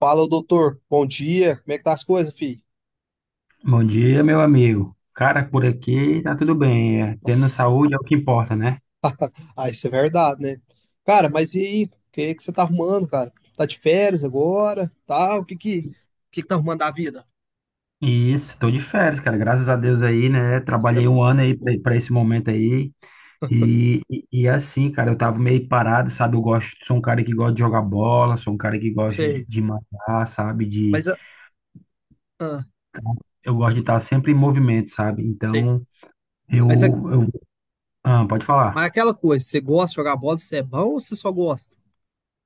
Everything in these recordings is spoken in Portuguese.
Fala, doutor. Bom dia. Como é que tá as coisas, filho? Bom dia, meu amigo. Cara, por aqui tá tudo bem. Tendo Nossa, saúde é o que importa, né? Isso é verdade, né? Cara, mas e aí? O que é que você tá arrumando, cara? Tá de férias agora? Tá? O que que tá arrumando da vida? E isso, tô de férias, cara. Graças a Deus aí, né? Você, Trabalhei um ano aí pra esse momento aí. E assim, cara, eu tava meio parado, sabe? Eu gosto, sou um cara que gosta de jogar bola, sou um cara que gosta de, você- de matar, sabe? De, mas, ah, ah, eu gosto de estar sempre em movimento, sabe? Sei. Então, eu, Mas, é- eu, pode falar. mas é aquela coisa, você gosta de jogar bola? Você é bom ou você só gosta?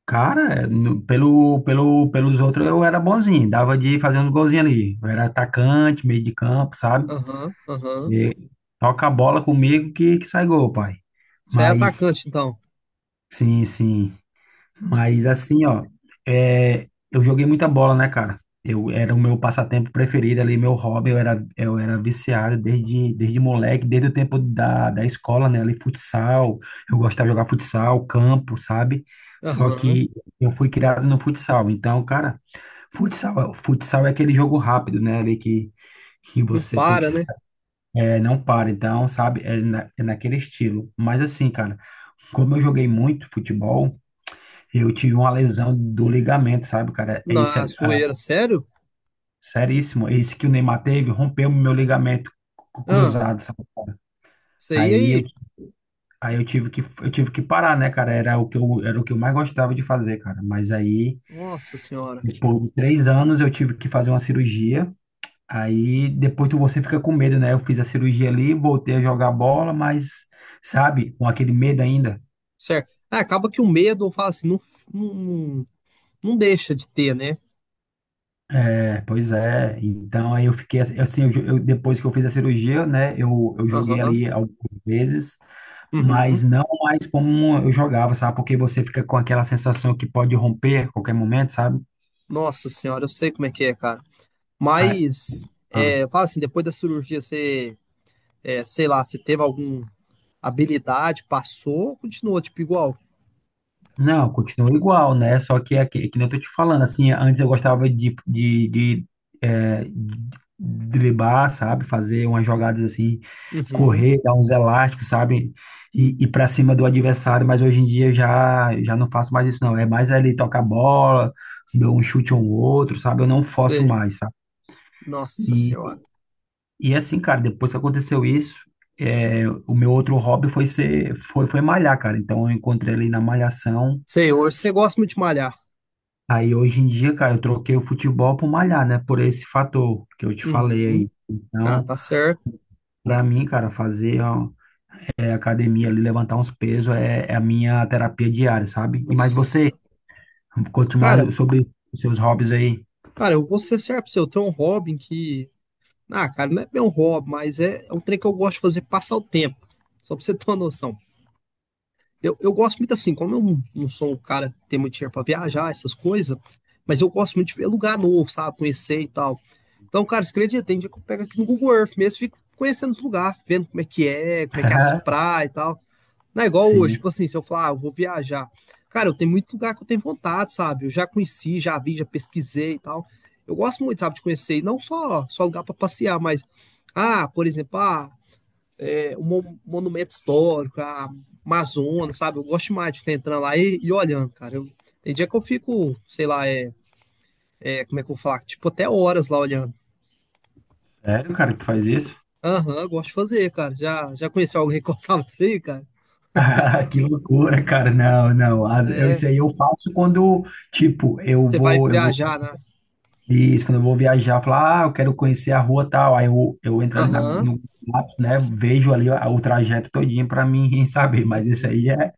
Cara, pelos outros eu era bonzinho, dava de fazer uns golzinhos ali. Eu era atacante, meio de campo, sabe? Aham. E toca a bola comigo que sai gol, pai. Você é Mas, atacante, então? sim, sim. Nossa, Mas assim, ó, eu joguei muita bola, né, cara? Eu era o meu passatempo preferido ali, meu hobby, eu era viciado desde moleque, desde o tempo da escola, né? Ali, futsal, eu gostava de jogar futsal, campo, sabe? Só aham. que eu fui criado no futsal. Então, cara, futsal, futsal é aquele jogo rápido, né? Ali que Não você tem que, para, né? Não para. Então, sabe? É naquele estilo. Mas assim, cara, como eu joguei muito futebol, eu tive uma lesão do ligamento, sabe, cara? É isso, Na zoeira, sério? seríssimo. É isso que o Neymar teve, rompeu o meu ligamento cu- Ah, cruzado, sabe? isso aí Aí eu, aí. aí eu tive que parar, né, cara? Era o que eu mais gostava de fazer, cara. Mas aí, Nossa senhora. depois de 3 anos, eu tive que fazer uma cirurgia. Aí, depois você fica com medo, né? Eu fiz a cirurgia ali, voltei a jogar bola, mas, sabe, com aquele medo ainda. Certo. Ah, acaba que o medo, eu falo assim, não, não deixa de ter, né? É, pois é, então aí eu fiquei assim, depois que eu fiz a cirurgia, né, eu joguei Aham. ali algumas vezes, Uhum. mas não mais como eu jogava, sabe? Porque você fica com aquela sensação que pode romper a qualquer momento, sabe? Nossa senhora, eu sei como é que é, cara. Ah, Mas, ah. Eu falo assim, depois da cirurgia, sei lá, você teve alguma habilidade, passou, ou continuou, tipo, igual? Não, continua igual, né? Só que é que nem eu tô te falando, assim, antes eu gostava de driblar, sabe? Fazer umas jogadas assim, Uhum. correr, dar uns elásticos, sabe? E ir para cima do adversário, mas hoje em dia eu já não faço mais isso, não. É mais ali tocar a bola, dou um chute ou um outro, sabe? Eu não forço Sei. mais, sabe? Nossa E, senhora. e assim, cara, depois que aconteceu isso, o meu outro hobby foi ser, foi malhar, cara. Então eu encontrei ali na malhação. Sei, hoje você gosta muito de malhar. Aí hoje em dia, cara, eu troquei o futebol por malhar, né? Por esse fator que eu te falei Uhum. aí. Ah, Então, tá certo. pra mim, cara, fazer ó, academia ali, levantar uns pesos é a minha terapia diária, sabe? E mais Nossa você, senhora. conte Cara, mais sobre os seus hobbies aí. cara, eu vou ser certo pra você, eu tenho um hobby que Ah, cara, não é bem um hobby, mas é um trem que eu gosto de fazer passar o tempo. Só pra você ter uma noção. Eu gosto muito assim, como eu não, não sou um cara que tem muito dinheiro pra viajar, essas coisas, mas eu gosto muito de ver lugar novo, sabe? Conhecer e tal. Então, cara, você acredita? Tem dia que eu pego aqui no Google Earth mesmo, fico conhecendo os lugares, vendo como é que é, como é que é as praias e tal. Não é igual hoje, Sim. tipo assim, se eu falar, ah, eu vou viajar. Cara, eu tenho muito lugar que eu tenho vontade, sabe? Eu já conheci, já vi, já pesquisei e tal. Eu gosto muito, sabe, de conhecer, e não só, só lugar para passear, mas, por exemplo, um monumento histórico, a Amazonas, sabe? Eu gosto demais de ficar entrando lá e olhando, cara. Tem dia que eu fico, sei lá, é, é, como é que eu vou falar? Tipo, até horas lá olhando. Sério, cara, que tu faz isso? Aham, eu gosto de fazer, cara. Já conheceu alguém que gostava disso aí, cara? Ah, que loucura, cara. Não, não. As- eu, É, isso aí eu faço quando, tipo, você vai eu vou viajar, né? Isso, quando eu vou viajar, eu falo, ah, eu quero conhecer a rua tal. Aí eu entro ali na, Aham. no Maps, né? Vejo ali o trajeto todinho para mim saber. Mas isso Uhum. aí é,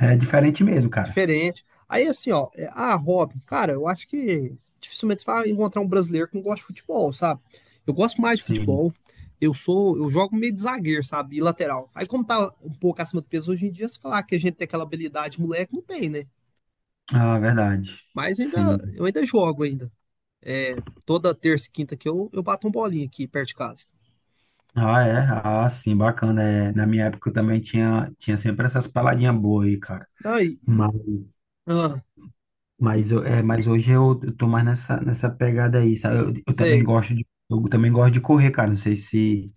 é diferente mesmo, cara. Diferente. Aí, assim, ó, Robin, cara, eu acho que dificilmente você vai encontrar um brasileiro que não gosta de futebol, sabe? Eu gosto mais de Sim. futebol. Eu jogo meio de zagueiro, sabe? E lateral. Aí, como tá um pouco acima do peso hoje em dia, se falar que a gente tem aquela habilidade, moleque, não tem, né? Ah, verdade. Mas ainda, Sim. eu ainda jogo ainda. É, toda terça e quinta que eu bato um bolinho aqui perto de casa. Ah, é? Ah, sim, bacana. É, na minha época eu também tinha sempre essas paladinhas boas aí, cara. Aí, Mas ah, e- mas hoje eu tô mais nessa pegada aí, sabe? Eu também Sei, gosto de, eu também gosto de correr, cara. Não sei se,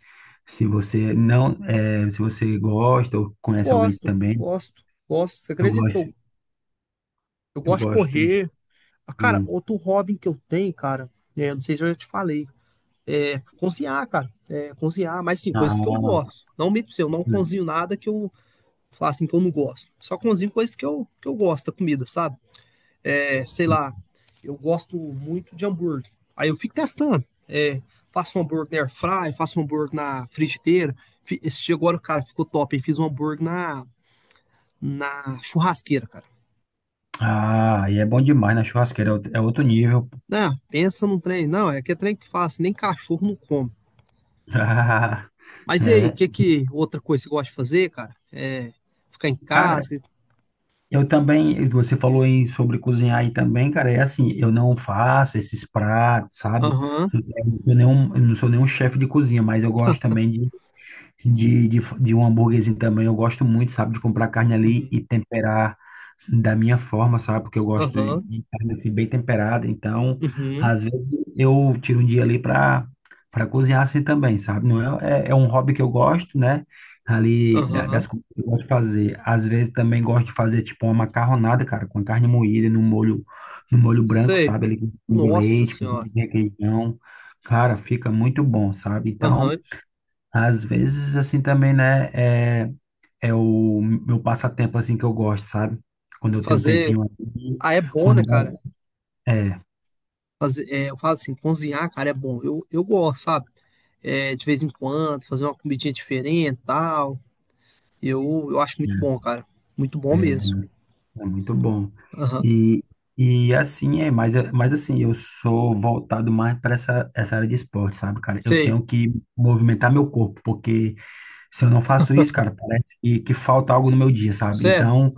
se você não, é, se você gosta ou conhece alguém também. Gosto. Você Eu acredita que gosto, eu eu gosto de gosto. correr. Ah, cara, Hum. outro hobby que eu tenho, cara, não sei se eu já te falei, é cozinhar, cara. É, cozinhar, mas sim, coisas que eu Ah, gosto. Não mito seu, eu não cozinho nada que eu falar assim que eu não gosto. Só cozinho coisas que eu gosto da comida, sabe? É, sei sim. lá, eu gosto muito de hambúrguer. Aí eu fico testando. É, faço um hambúrguer na airfryer, faço um hambúrguer na frigideira. Esse dia agora, cara, ficou top. Eu fiz um hambúrguer na churrasqueira, cara. Ah, e é bom demais na churrasqueira, é outro nível. Não, pensa num trem. Não, é que é trem que fala assim, nem cachorro não come. Ah, Mas e aí, é, que outra coisa que você gosta de fazer, cara? É ficar em cara. casa? Eu também, você falou em sobre cozinhar aí também, cara, é assim, eu não faço esses pratos, sabe? Aham, Eu eu não sou nenhum chefe de cozinha, mas eu gosto também de um hambúrguerzinho também, eu gosto muito, sabe, de comprar carne ali e uhum, temperar da minha forma, sabe? Porque eu gosto de aham, carne assim, bem temperada. Então, uhum, às vezes eu tiro um dia ali para cozinhar assim também, sabe? Não é um hobby que eu gosto, né? Ali da- aham. das coisas que eu gosto de fazer. Às vezes também gosto de fazer tipo uma macarronada, cara, com carne moída no molho branco, Sei. sabe? Ali com de Nossa leite, com senhora. requeijão. Cara, fica muito bom, sabe? Então, Aham. às vezes assim também, né? É o meu passatempo assim que eu gosto, sabe? Quando eu tenho um Fazer. tempinho aqui, Ah, é bom, né, quando cara? é, Fazer, eu falo assim, cozinhar, cara, é bom. Eu gosto, sabe? É, de vez em quando, fazer uma comidinha diferente e tal. Eu acho muito é, bom, cara. Muito bom é mesmo. é muito bom. Aham. E, e assim é, mas assim, eu sou voltado mais para essa área de esporte, sabe, cara? Eu Sei. tenho que movimentar meu corpo, porque se eu não faço isso, cara, parece que falta algo no meu dia, sabe? Sério? Então,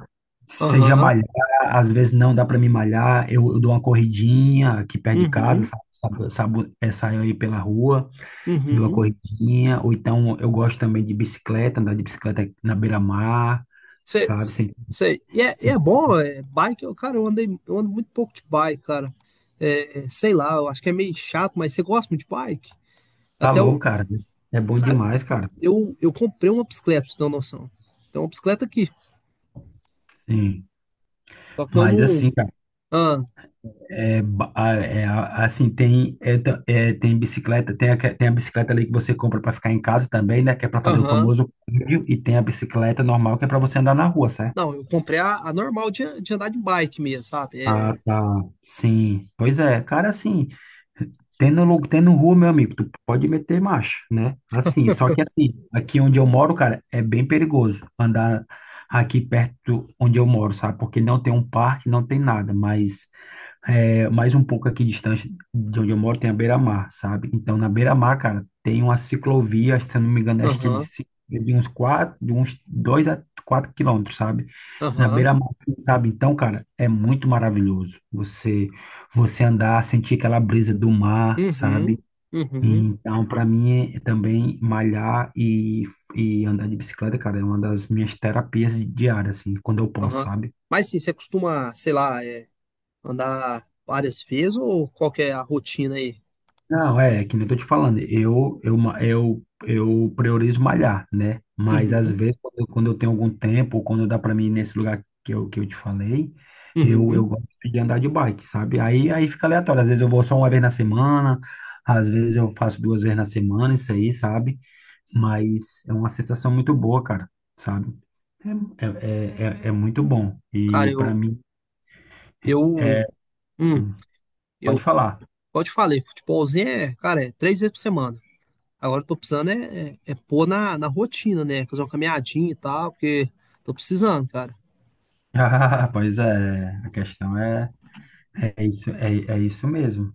seja Aham. malhar, às vezes não dá para me malhar, eu dou uma corridinha aqui perto de casa, Uhum. sabe? Sabe, saio aí pela rua, numa Uhum. corridinha, ou então eu gosto também de bicicleta, andar de bicicleta na beira-mar, Sei, sabe? Sem, sei. E é sem, bom, sem bike, eu, cara, eu andei, eu ando muito pouco de bike, cara. Sei lá, eu acho que é meio chato, mas você gosta muito de bike? Até o, calor, cara. É bom cara, demais, cara. Eu comprei uma bicicleta, pra você ter uma noção. Tem uma bicicleta aqui, Sim. só que eu Mas não, assim, cara, ah, assim, tem, é, ta- é, tem bicicleta, tem a bicicleta ali que você compra para ficar em casa também, né? Que é para fazer o aham. famoso cardio, e tem a bicicleta normal que é para você andar na rua, certo? Não, eu comprei a normal de andar de bike mesmo, sabe? Ah, É, tá. Sim. Pois é, cara, assim, tendo rua, meu amigo, tu pode meter marcha, né? Assim, só que assim, aqui onde eu moro, cara, é bem perigoso andar aqui perto onde eu moro, sabe? Porque não tem um parque, não tem nada, mas mais um pouco aqui distante de onde eu moro tem a Beira-Mar, sabe? Então, na Beira-Mar, cara, tem uma ciclovia, se eu não me engano, acho que é de, aham, ci- de uns quatro, de uns 2 a 4 quilômetros, sabe? Na aham, Beira-Mar, assim, sabe? Então, cara, é muito maravilhoso você andar, sentir aquela brisa do mar, sabe? uhum, uhum, Então, para mim, é também malhar e andar de bicicleta, cara, é uma das minhas terapias diárias, assim, quando eu posso, aham. sabe? Mas sim, você costuma, andar várias vezes ou qual que é a rotina aí? Não, é que nem eu tô te falando, eu priorizo malhar, né? Mas às vezes, quando eu tenho algum tempo, ou quando dá para mim ir nesse lugar que eu te falei, eu Uhum. gosto de andar de bike, sabe? Aí fica aleatório, às vezes eu vou só uma vez na semana, às vezes eu faço duas vezes na semana, isso aí, sabe? Mas é uma sensação muito boa, cara, sabe? É muito bom. Cara, E para mim, eu, é, hum, hum, eu, pode falar. igual eu te falei, futebolzinho, é 3 vezes por semana. Agora eu tô precisando é pôr na rotina, né? Fazer uma caminhadinha e tal, porque tô precisando, cara. Ah, pois é, a questão é. É isso, é isso mesmo.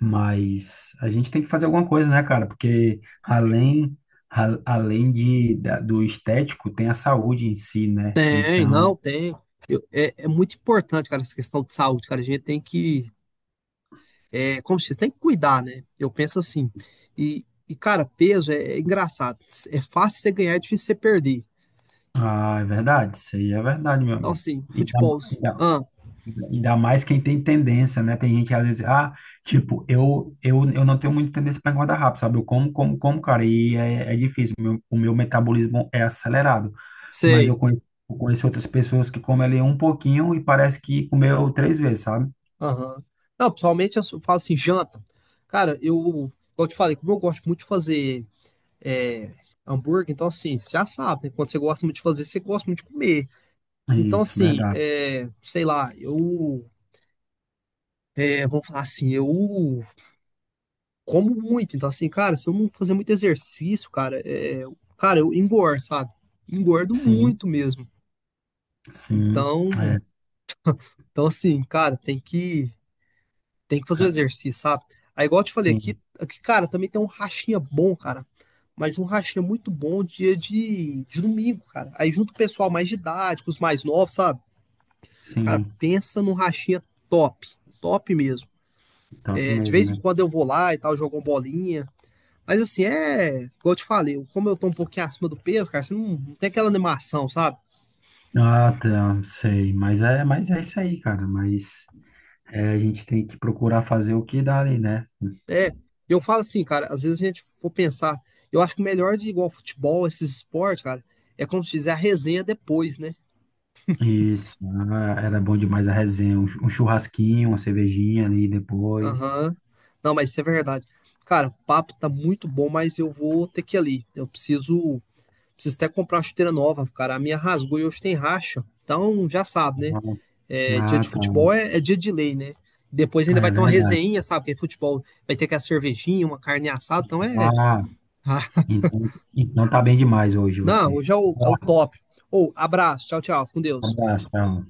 Mas a gente tem que fazer alguma coisa, né, cara? Porque além do estético, tem a saúde em si, né? Tem, Então, não, tem. É muito importante, cara, essa questão de saúde, cara. A gente tem que, como se diz, tem que cuidar, né? Eu penso assim. E cara, peso é engraçado. É fácil você ganhar, é difícil você perder. ah, é verdade, isso aí é verdade, meu Então, amigo. assim, E dá, futebol, e dá- ah, Ainda mais quem tem tendência, né? Tem gente que às vezes, ah, tipo, eu não tenho muita tendência para engordar rápido, sabe? Eu como, como, como, cara, e é difícil. O meu metabolismo é acelerado. Mas sei. eu conheci outras pessoas que comem ali um pouquinho e parece que comeu três vezes, sabe? Aham. Não, pessoalmente eu só falo assim, janta. Cara, eu, igual eu te falei, como eu gosto muito de fazer é, hambúrguer, então assim, você já sabe, né? Quando você gosta muito de fazer, você gosta muito de comer. Então Isso, assim, verdade. é, sei lá, eu, é, vamos falar assim, eu como muito. Então assim, cara, se eu não fazer muito exercício, cara, eu engordo, sabe? Engordo Sim, muito mesmo. sim, Então, é, então assim, cara, tem que tem que fazer é, o exercício, sabe? Aí, igual eu te falei, sim, aqui, cara, também tem um rachinha bom, cara. Mas um rachinha muito bom dia de domingo, cara. Aí junto o pessoal mais de idade, com os mais novos, sabe? Cara, sim, pensa num rachinha top. Top mesmo. top É, de mesmo, vez em né? quando eu vou lá e tal, jogo uma bolinha. Mas assim, é. Igual eu te falei, como eu tô um pouquinho acima do peso, cara, você não, não tem aquela animação, sabe? Ah, tá, sei, mas é isso aí, cara, mas, a gente tem que procurar fazer o que dá ali, né? É. Eu falo assim, cara, às vezes a gente for pensar, eu acho que o melhor de igual futebol, esses esportes, cara, é como se fizer a resenha depois, né? Isso, ah, era bom demais a resenha, um churrasquinho, uma cervejinha ali depois. Aham. Não, mas isso é verdade. Cara, o papo tá muito bom, mas eu vou ter que ir ali. Preciso até comprar uma chuteira nova, cara. A minha rasgou e hoje tem racha. Então, já sabe, né? É, dia Ah, de tá, futebol é dia de lei, né? Depois ainda vai é ter uma verdade. resenha, sabe? Porque futebol vai ter que a cervejinha, uma carne assada, então é. Ah, Ah, então tá bem demais hoje não, você. hoje é o, é o top. Ô, abraço, tchau, tchau, fica com Um Deus. abraço, tchau.